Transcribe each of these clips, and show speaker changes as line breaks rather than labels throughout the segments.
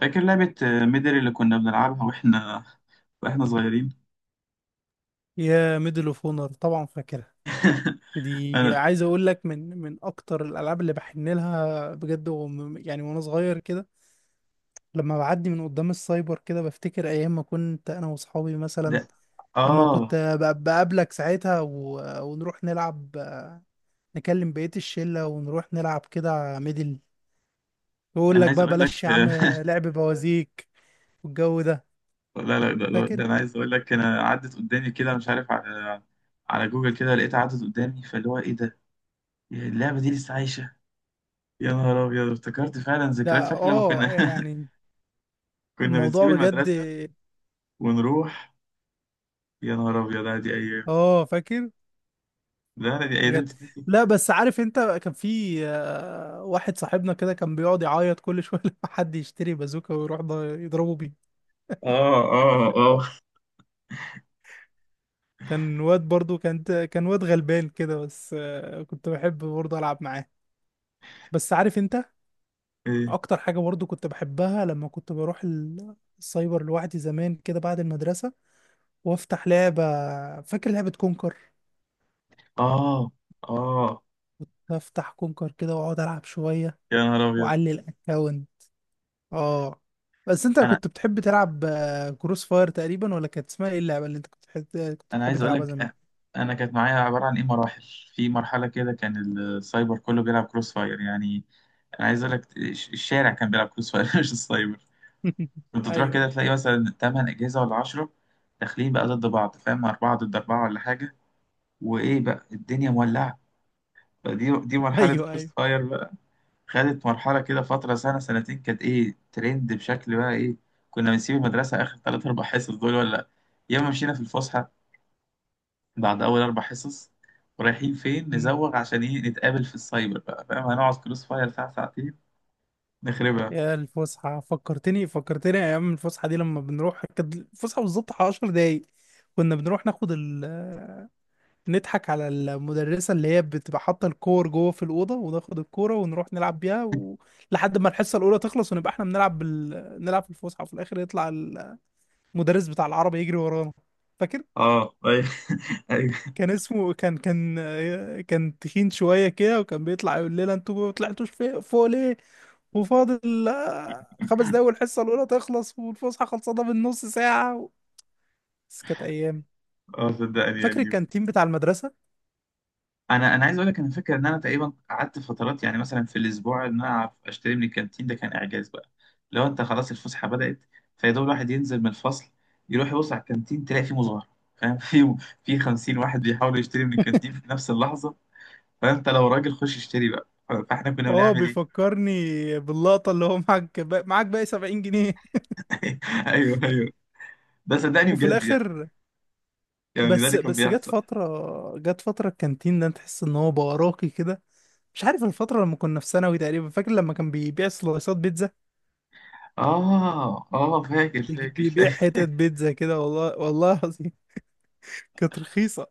فاكر لعبة ميدل اللي كنا بنلعبها واحنا صغيرين.
يا ميدل اوف اونر طبعا فاكرها. دي
انا.
عايز اقول لك من اكتر الالعاب اللي بحن لها بجد، يعني وانا صغير كده، لما بعدي من قدام السايبر كده بفتكر ايام ما كنت انا واصحابي
ده.
مثلا، لما
اه.
كنت بقابلك ساعتها ونروح نلعب، نكلم بقية الشلة ونروح نلعب كده ميدل. يقول
انا
لك
عايز
بقى
اقول لك.
بلاش يا عم، لعب بوازيك والجو ده.
لا ده
فاكر.
انا عايز اقول لك انا عدت قدامي كده مش عارف على على جوجل كده لقيتها عدت قدامي فاللي هو ايه ده اللعبة دي لسه عايشة. يا نهار ابيض افتكرت فعلا
ده
ذكريات. فاكر لما
اه
كنا،
يعني
كنا بنسيب
الموضوع بجد.
المدرسة ونروح. يا نهار ابيض، لا دي ايام،
اه فاكر
لا دي ايام
بجد.
تتنسي.
لا بس عارف انت، كان في واحد صاحبنا كده كان بيقعد يعيط كل شويه لما حد يشتري بازوكا ويروح ده يضربه بيه.
اه اه اه.
كان واد برضو، كان واد غلبان كده، بس كنت بحب برضو العب معاه. بس عارف انت،
ايه.
اكتر حاجه برضو كنت بحبها لما كنت بروح السايبر لوحدي زمان كده بعد المدرسه، وافتح لعبه. فاكر لعبه كونكر؟
اه اه.
افتح كونكر كده واقعد العب شويه
يا نهار ابيض.
واعلي الاكونت. اه. بس انت
انا
كنت بتحب تلعب كروس فاير تقريبا، ولا كانت اسمها ايه اللعبه اللي انت كنت بتحب كنت
انا
بتحب
عايز اقول
تلعبها
لك
زمان؟
انا كانت معايا عباره عن ايه مراحل. في مرحله كده كان السايبر كله بيلعب كروس فاير، يعني انا عايز اقول لك الشارع كان بيلعب كروس فاير، مش السايبر. كنت تروح
ايوه،
كده
ايوه،
تلاقي مثلا 8 اجهزه ولا 10 داخلين بقى ضد بعض، فاهم، اربعه ضد اربعه ولا حاجه. وايه بقى، الدنيا مولعه. فدي مرحله،
ايوه،
كروس
ايوه.
فاير بقى. خدت مرحله كده فتره سنه سنتين، كانت ايه ترند بشكل بقى ايه. كنا بنسيب المدرسه اخر ثلاث اربع حصص دول، ولا يا اما مشينا في الفسحه بعد أول أربع حصص. ورايحين فين؟
مم.
نزوغ عشان إيه؟ نتقابل في السايبر بقى، فاهم، هنقعد كروس فاير ساعة ساعتين نخربها.
يا الفسحه، فكرتني ايام الفسحه دي. لما بنروح، كانت الفسحه بالظبط على 10 دقايق، كنا بنروح ناخد نضحك على المدرسه اللي هي بتبقى حاطه الكور جوه في الاوضه، وناخد الكوره ونروح نلعب بيها لحد ما الحصه الاولى تخلص، ونبقى احنا بنلعب نلعب في الفسحه، وفي الاخر يطلع المدرس بتاع العربي يجري ورانا. فاكر؟
اه ايوه. ايوه.
كان اسمه، كان تخين شوية كده، وكان بيطلع يقول لنا انتوا ما طلعتوش فوق ليه. وفاضل 5 دقايق والحصة الأولى تخلص والفسحة خلصانة من نص ساعة. بس كانت أيام.
اه صدقني
فاكر
يعني.
الكانتين بتاع المدرسة؟
انا عايز اقول لك انا فاكر ان انا تقريبا قعدت فترات يعني مثلا في الاسبوع ان انا أعرف اشتري من الكانتين ده، كان اعجاز بقى. لو انت خلاص الفسحه بدات، فيا دوب الواحد ينزل من الفصل يروح يبص على الكانتين تلاقي فيه مظاهره، فاهم، في 50 واحد بيحاول يشتري من الكانتين في نفس اللحظه. فانت لو راجل خش اشتري بقى. فاحنا كنا
اه،
بنعمل ايه؟
بيفكرني باللقطة اللي هو معاك، معاك باقي 70 جنيه.
ايوه ايوه. ده صدقني
وفي
بجد يعني،
الآخر،
يعني ده
بس
اللي كان
بس جت
بيحصل.
فترة جت فترة الكانتين ده تحس إن هو بقى راقي كده. مش عارف الفترة لما كنا في ثانوي تقريبا. فاكر لما كان بيبيع سلايسات بيتزا؟
اه اه، فاكر فاكر
بيبيع
فاكر
حتت بيتزا كده، والله والله العظيم كانت رخيصة.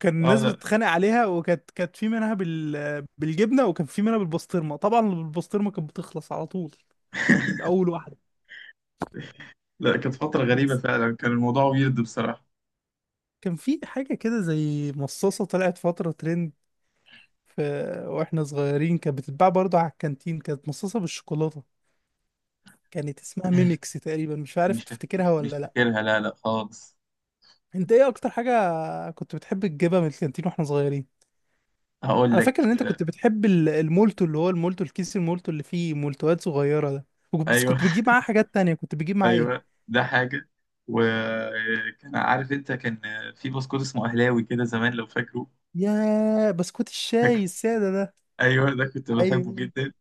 كان
اه.
الناس
لا
بتتخانق عليها، وكانت كانت في منها بالجبنة، وكان في منها بالبسطرمة. طبعا بالبسطرمة كانت بتخلص على طول، أول واحدة.
لا، كانت فترة غريبة
بس
فعلا، كان الموضوع ويرد بصراحة.
كان في حاجة كده زي مصاصة طلعت فترة ترند، في... واحنا صغيرين كانت بتتباع برضه على الكانتين، كانت مصاصة بالشوكولاتة، كانت اسمها ميمكس تقريبا. مش عارف
مش فاكر،
تفتكرها
مش
ولا لأ.
فاكرها، لا لا خالص.
انت ايه اكتر حاجة كنت بتحب تجيبها من الكانتين واحنا صغيرين؟
هقول
انا فاكر
لك
ان انت كنت بتحب المولتو، اللي هو المولتو الكيس، المولتو اللي فيه مولتوات صغيره ده. بس
ايوه.
كنت بتجيب معاه حاجات تانية، كنت بتجيب معاه
ايوه
ايه؟
ده حاجة. وكان عارف انت، كان في بسكوت اسمه اهلاوي كده زمان لو فاكره.
يا بسكوت
فاكر.
الشاي الساده ده!
ايوه ده كنت بحبه
ايوه.
جدا.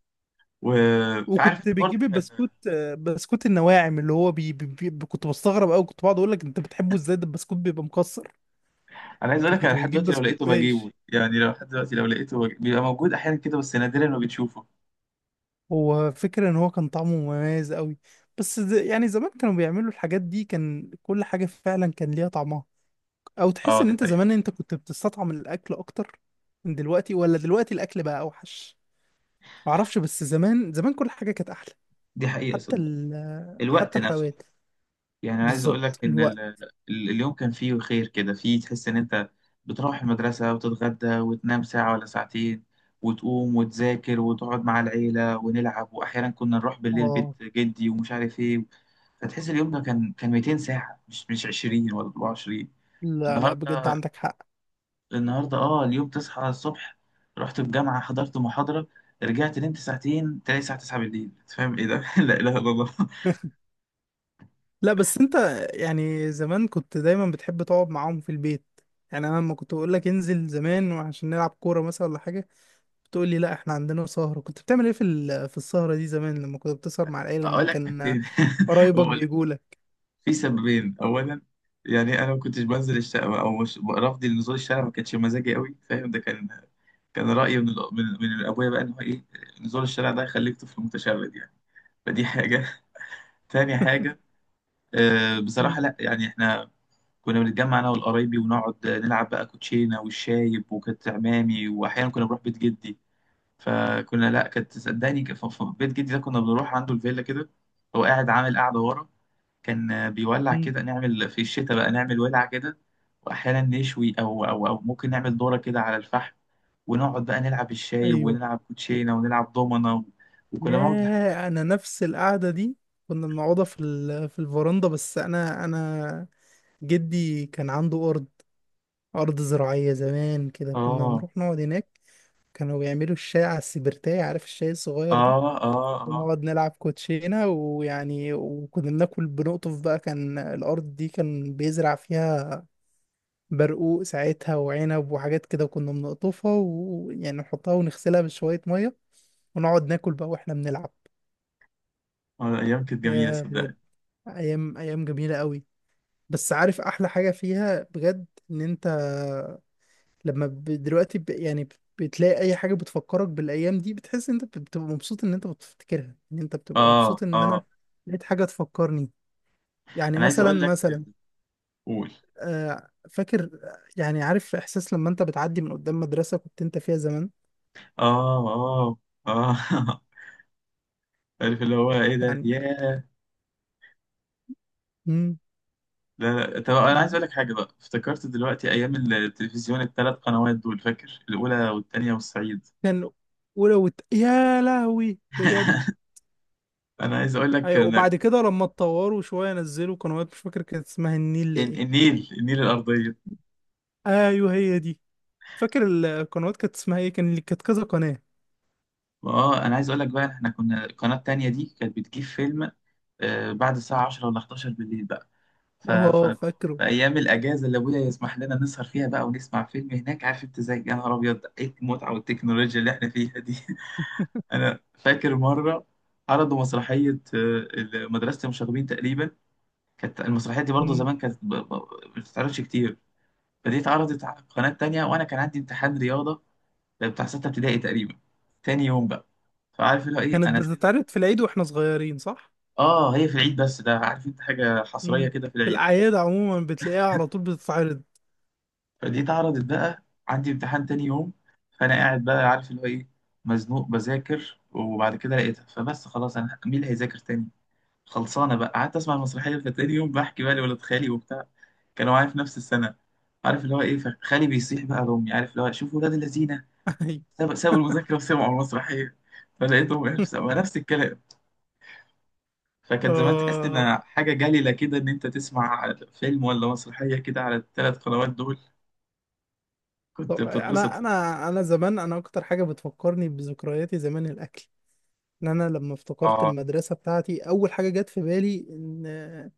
و- فعارف
وكنت
انت
بتجيب
برضه كان.
البسكوت، بسكوت النواعم اللي هو BBB. كنت بستغرب قوي، كنت بقعد اقول لك انت بتحبه ازاي، ده البسكوت بيبقى مكسر.
انا عايز
انت
اقول لك انا
كنت
لحد
بتجيب
دلوقتي لو
بسكوت
لقيته بجيبه،
بايش،
يعني لو لحد دلوقتي لو لقيته بيبقى موجود احيانا كده بس نادرا ما بتشوفه.
هو فكرة ان هو كان طعمه مميز قوي. بس يعني زمان كانوا بيعملوا الحاجات دي، كان كل حاجه فعلا كان ليها طعمها. او تحس
اه
ان
دي
انت زمان
حقيقة.
انت كنت بتستطعم الاكل اكتر من دلوقتي، ولا دلوقتي الاكل بقى اوحش؟ معرفش، بس زمان زمان كل حاجه كانت احلى.
دي حقيقة
حتى
صدق.
ال
الوقت
حتى
نفسه،
الحلويات
يعني عايز اقول
بالظبط
لك ان ال-
الوقت.
ال- اليوم كان فيه خير كده، فيه تحس ان انت بتروح المدرسة وتتغدى وتنام ساعة ولا ساعتين وتقوم وتذاكر وتقعد مع العيلة ونلعب، واحيانا كنا نروح بالليل
اه،
بيت جدي ومش عارف ايه. فتحس اليوم ده كان 200 ساعة، مش 20 ولا 24.
لا لا، بجد
النهاردة،
عندك حق.
النهاردة اه اليوم تصحى الصبح، رحت الجامعة، حضرت محاضرة، رجعت نمت ساعتين، تلاقي الساعة 9 بالليل. أنت فاهم ايه ده؟ لا اله الا الله.
لا بس انت، يعني زمان كنت دايما بتحب تقعد معاهم في البيت. يعني انا لما كنت اقول لك انزل زمان وعشان نلعب كوره مثلا ولا حاجه، بتقول لي لا احنا عندنا سهره. كنت بتعمل ايه في السهره دي زمان، لما كنت بتسهر مع العيله، لما
اقول لك
كان
حاجتين.
قرايبك
أقول-
بيجوا لك؟
في سببين. اولا يعني انا ما كنتش بنزل الشارع، او مش رفضي لنزول الشارع ما كانش مزاجي قوي، فاهم، ده كان كان رايي من الأ- من من ابويا بقى، ان هو ايه، نزول الشارع ده هيخليك طفل متشرد يعني. فدي حاجه. تاني حاجه، بصراحه لا يعني احنا كنا بنتجمع انا والقرايبي ونقعد نلعب بقى كوتشينه والشايب، وكانت عمامي واحيانا كنا بنروح بيت جدي. فكنا لا، كانت صدقني بيت جدي ده كنا بنروح عنده الفيلا كده، هو قاعد عامل قاعده ورا، كان بيولع كده، نعمل في الشتاء بقى نعمل ولعة كده وأحيانا نشوي أو ممكن نعمل دورة كده على الفحم، ونقعد بقى نلعب الشاي
ايوه.
ونلعب كوتشينة ونلعب دومنة و... وكنا نقعد لحد.
ياه، انا نفس القعده دي كنا بنقعدها في الفرندا، بس انا جدي كان عنده ارض زراعيه زمان كده، كنا
آه
بنروح نقعد هناك. كانوا بيعملوا الشاي على السبرتاية، عارف الشاي الصغير ده.
آه آه آه.
ونقعد نلعب كوتشينه ويعني، وكنا بناكل بنقطف بقى، كان الارض دي كان بيزرع فيها برقوق ساعتها وعنب وحاجات كده، كنا بنقطفها ويعني نحطها ونغسلها بشويه ميه، ونقعد ناكل بقى واحنا بنلعب.
أيام كانت جميلة
يا بجد،
صدقني.
ايام ايام جميله قوي! بس عارف احلى حاجه فيها بجد، ان انت لما ب- دلوقتي ب... يعني ب- بتلاقي اي حاجه بتفكرك بالايام دي، بتحس ان انت بتبقى مبسوط ان انت بتفتكرها، ان انت بتبقى
آه
مبسوط ان انا
آه.
لقيت حاجه تفكرني. يعني
أنا عايز
مثلا،
أقول لك. قول.
فاكر، يعني عارف احساس لما انت بتعدي من قدام مدرسه كنت انت فيها زمان؟
آه آه آه. عارف اللي هو إيه ده،
يعني.
ياه.
مم،
لا لا، طب أنا عايز
مم.
أقول لك حاجة بقى افتكرت دلوقتي. أيام التلفزيون الثلاث قنوات دول، فاكر الأولى والثانية والصعيد.
كان، ولو يا لهوي بجد.
انا عايز اقول لك
ايوه،
ان
وبعد كده لما اتطوروا شويه نزلوا قنوات، مش فاكر كانت اسمها النيل ايه.
النيل، النيل الارضيه.
ايوه هي دي. فاكر القنوات كانت اسمها ايه، كان اللي كانت كذا قناه؟
اه انا عايز اقول لك بقى، احنا كنا القناه التانيه دي كانت بتجيب فيلم بعد الساعه 10 ولا 11 بالليل بقى. ف... ف...
اه فاكره.
في ايام الاجازه اللي ابويا يسمح لنا نسهر فيها بقى ونسمع فيلم هناك، عارف انت زي، يا نهار ابيض ايه المتعه والتكنولوجيا اللي احنا فيها دي. انا فاكر مره عرضوا مسرحيه مدرسه المشاغبين تقريبا. كانت المسرحيه دي برضه
مم.
زمان كانت ما بتتعرضش كتير. فدي اتعرضت على قناه تانيه وانا كان عندي امتحان رياضه، ده بتاع ستة ابتدائي تقريبا، تاني يوم بقى. فعارف اللي هو ايه،
كانت
انا سيب.
بتتعرض في العيد واحنا صغيرين، صح؟
اه هي في العيد، بس ده عارف انت حاجة حصرية
مم.
كده في
في
العيد.
الاعياد عموما بتلاقيها على طول بتتعرض.
فدي اتعرضت بقى، عندي امتحان تاني يوم، فانا قاعد بقى عارف اللي هو ايه، مزنوق بذاكر، وبعد كده لقيتها، فبس خلاص، انا مين اللي هيذاكر تاني؟ خلصانة بقى، قعدت اسمع المسرحية. فتاني يوم بحكي بقى لولاد خالي وبتاع، كانوا معايا في نفس السنة، عارف اللي هو ايه، فخالي بيصيح بقى لأمي عارف اللي هو، شوفوا ولاد الذين
ايوه
سابوا المذاكرة وسمعوا المسرحية. فلقيتهم نفس الكلام. فكانت زمان تحس ان
اه.
حاجه جليله كده ان انت تسمع فيلم ولا مسرحيه كده على الثلاث قنوات دول،
طب
كنت بتتبسط.
انا زمان، اكتر حاجه بتفكرني بذكرياتي زمان الاكل. ان انا لما افتكرت
اه
المدرسه بتاعتي، اول حاجه جت في بالي ان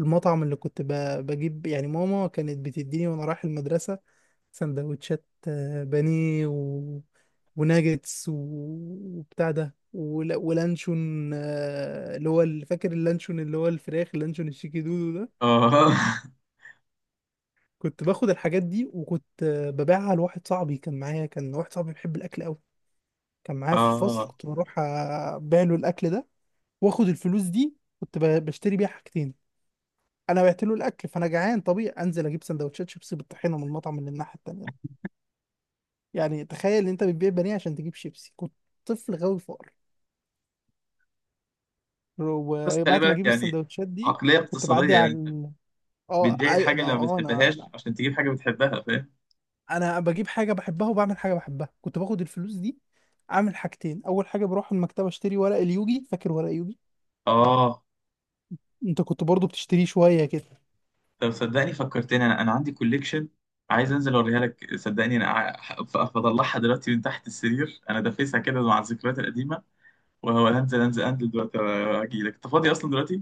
المطعم اللي كنت بجيب، يعني ماما كانت بتديني وانا رايح المدرسة سندوتشات، بانيه وناجتس وبتاع ده، ولانشون، اللي هو فاكر اللانشون اللي هو الفراخ، اللانشون الشيكي دودو ده.
اه.
كنت باخد الحاجات دي وكنت ببيعها لواحد صاحبي كان معايا، كان واحد صاحبي بيحب الاكل قوي، كان معايا في الفصل،
اه
كنت بروح ابيع له الاكل ده. واخد الفلوس دي كنت بشتري بيها حاجتين. انا بعت له الاكل فانا جعان طبيعي انزل اجيب سندوتشات شيبسي بالطحينه من المطعم اللي الناحيه التانيه ده. يعني تخيل ان انت بتبيع بانيه عشان تجيب شيبسي. كنت طفل غاوي فقر.
بس خلي
وبعد ما
بالك
اجيب
يعني،
السندوتشات دي
عقليه
كنت بعدي
اقتصاديه
على
يعني، بتبيع
اي
الحاجه
ما
اللي ما
هو انا،
بتحبهاش
انا
عشان تجيب حاجه بتحبها، فاهم.
انا بجيب حاجه بحبها وبعمل حاجه بحبها. كنت باخد الفلوس دي اعمل حاجتين. اول حاجه بروح المكتبه اشتري ورق اليوجي، فاكر ورق اليوجي؟
اه.
انت كنت برضو بتشتريه شويه كده.
طب صدقني فكرتني، انا عندي كوليكشن، عايز انزل اوريها لك صدقني، انا فاطلعها دلوقتي من تحت السرير، انا دافيسها كده مع الذكريات القديمه، وهنزل، انزل دلوقتي اجي لك، انت فاضي اصلا دلوقتي؟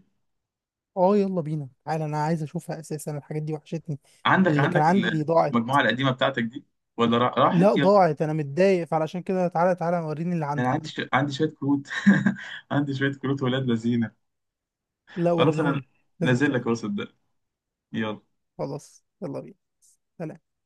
اه، يلا بينا تعالى، انا عايز اشوفها اساسا، الحاجات دي وحشتني،
عندك
اللي كان
عندك
عندي
ال-
ضاعت.
المجموعة القديمة بتاعتك دي ولا
لا
راحت يا.
ضاعت، انا متضايق، فعلشان كده تعالى تعالى وريني اللي
انا عندي
عندك.
عندي شوية كروت، عندي شوية كروت ولاد لذينه.
لا
خلاص
وريها
انا
لي، لازم
نازل لك
اشوفها.
اهو صدق. يلا.
خلاص يلا بينا. سلام.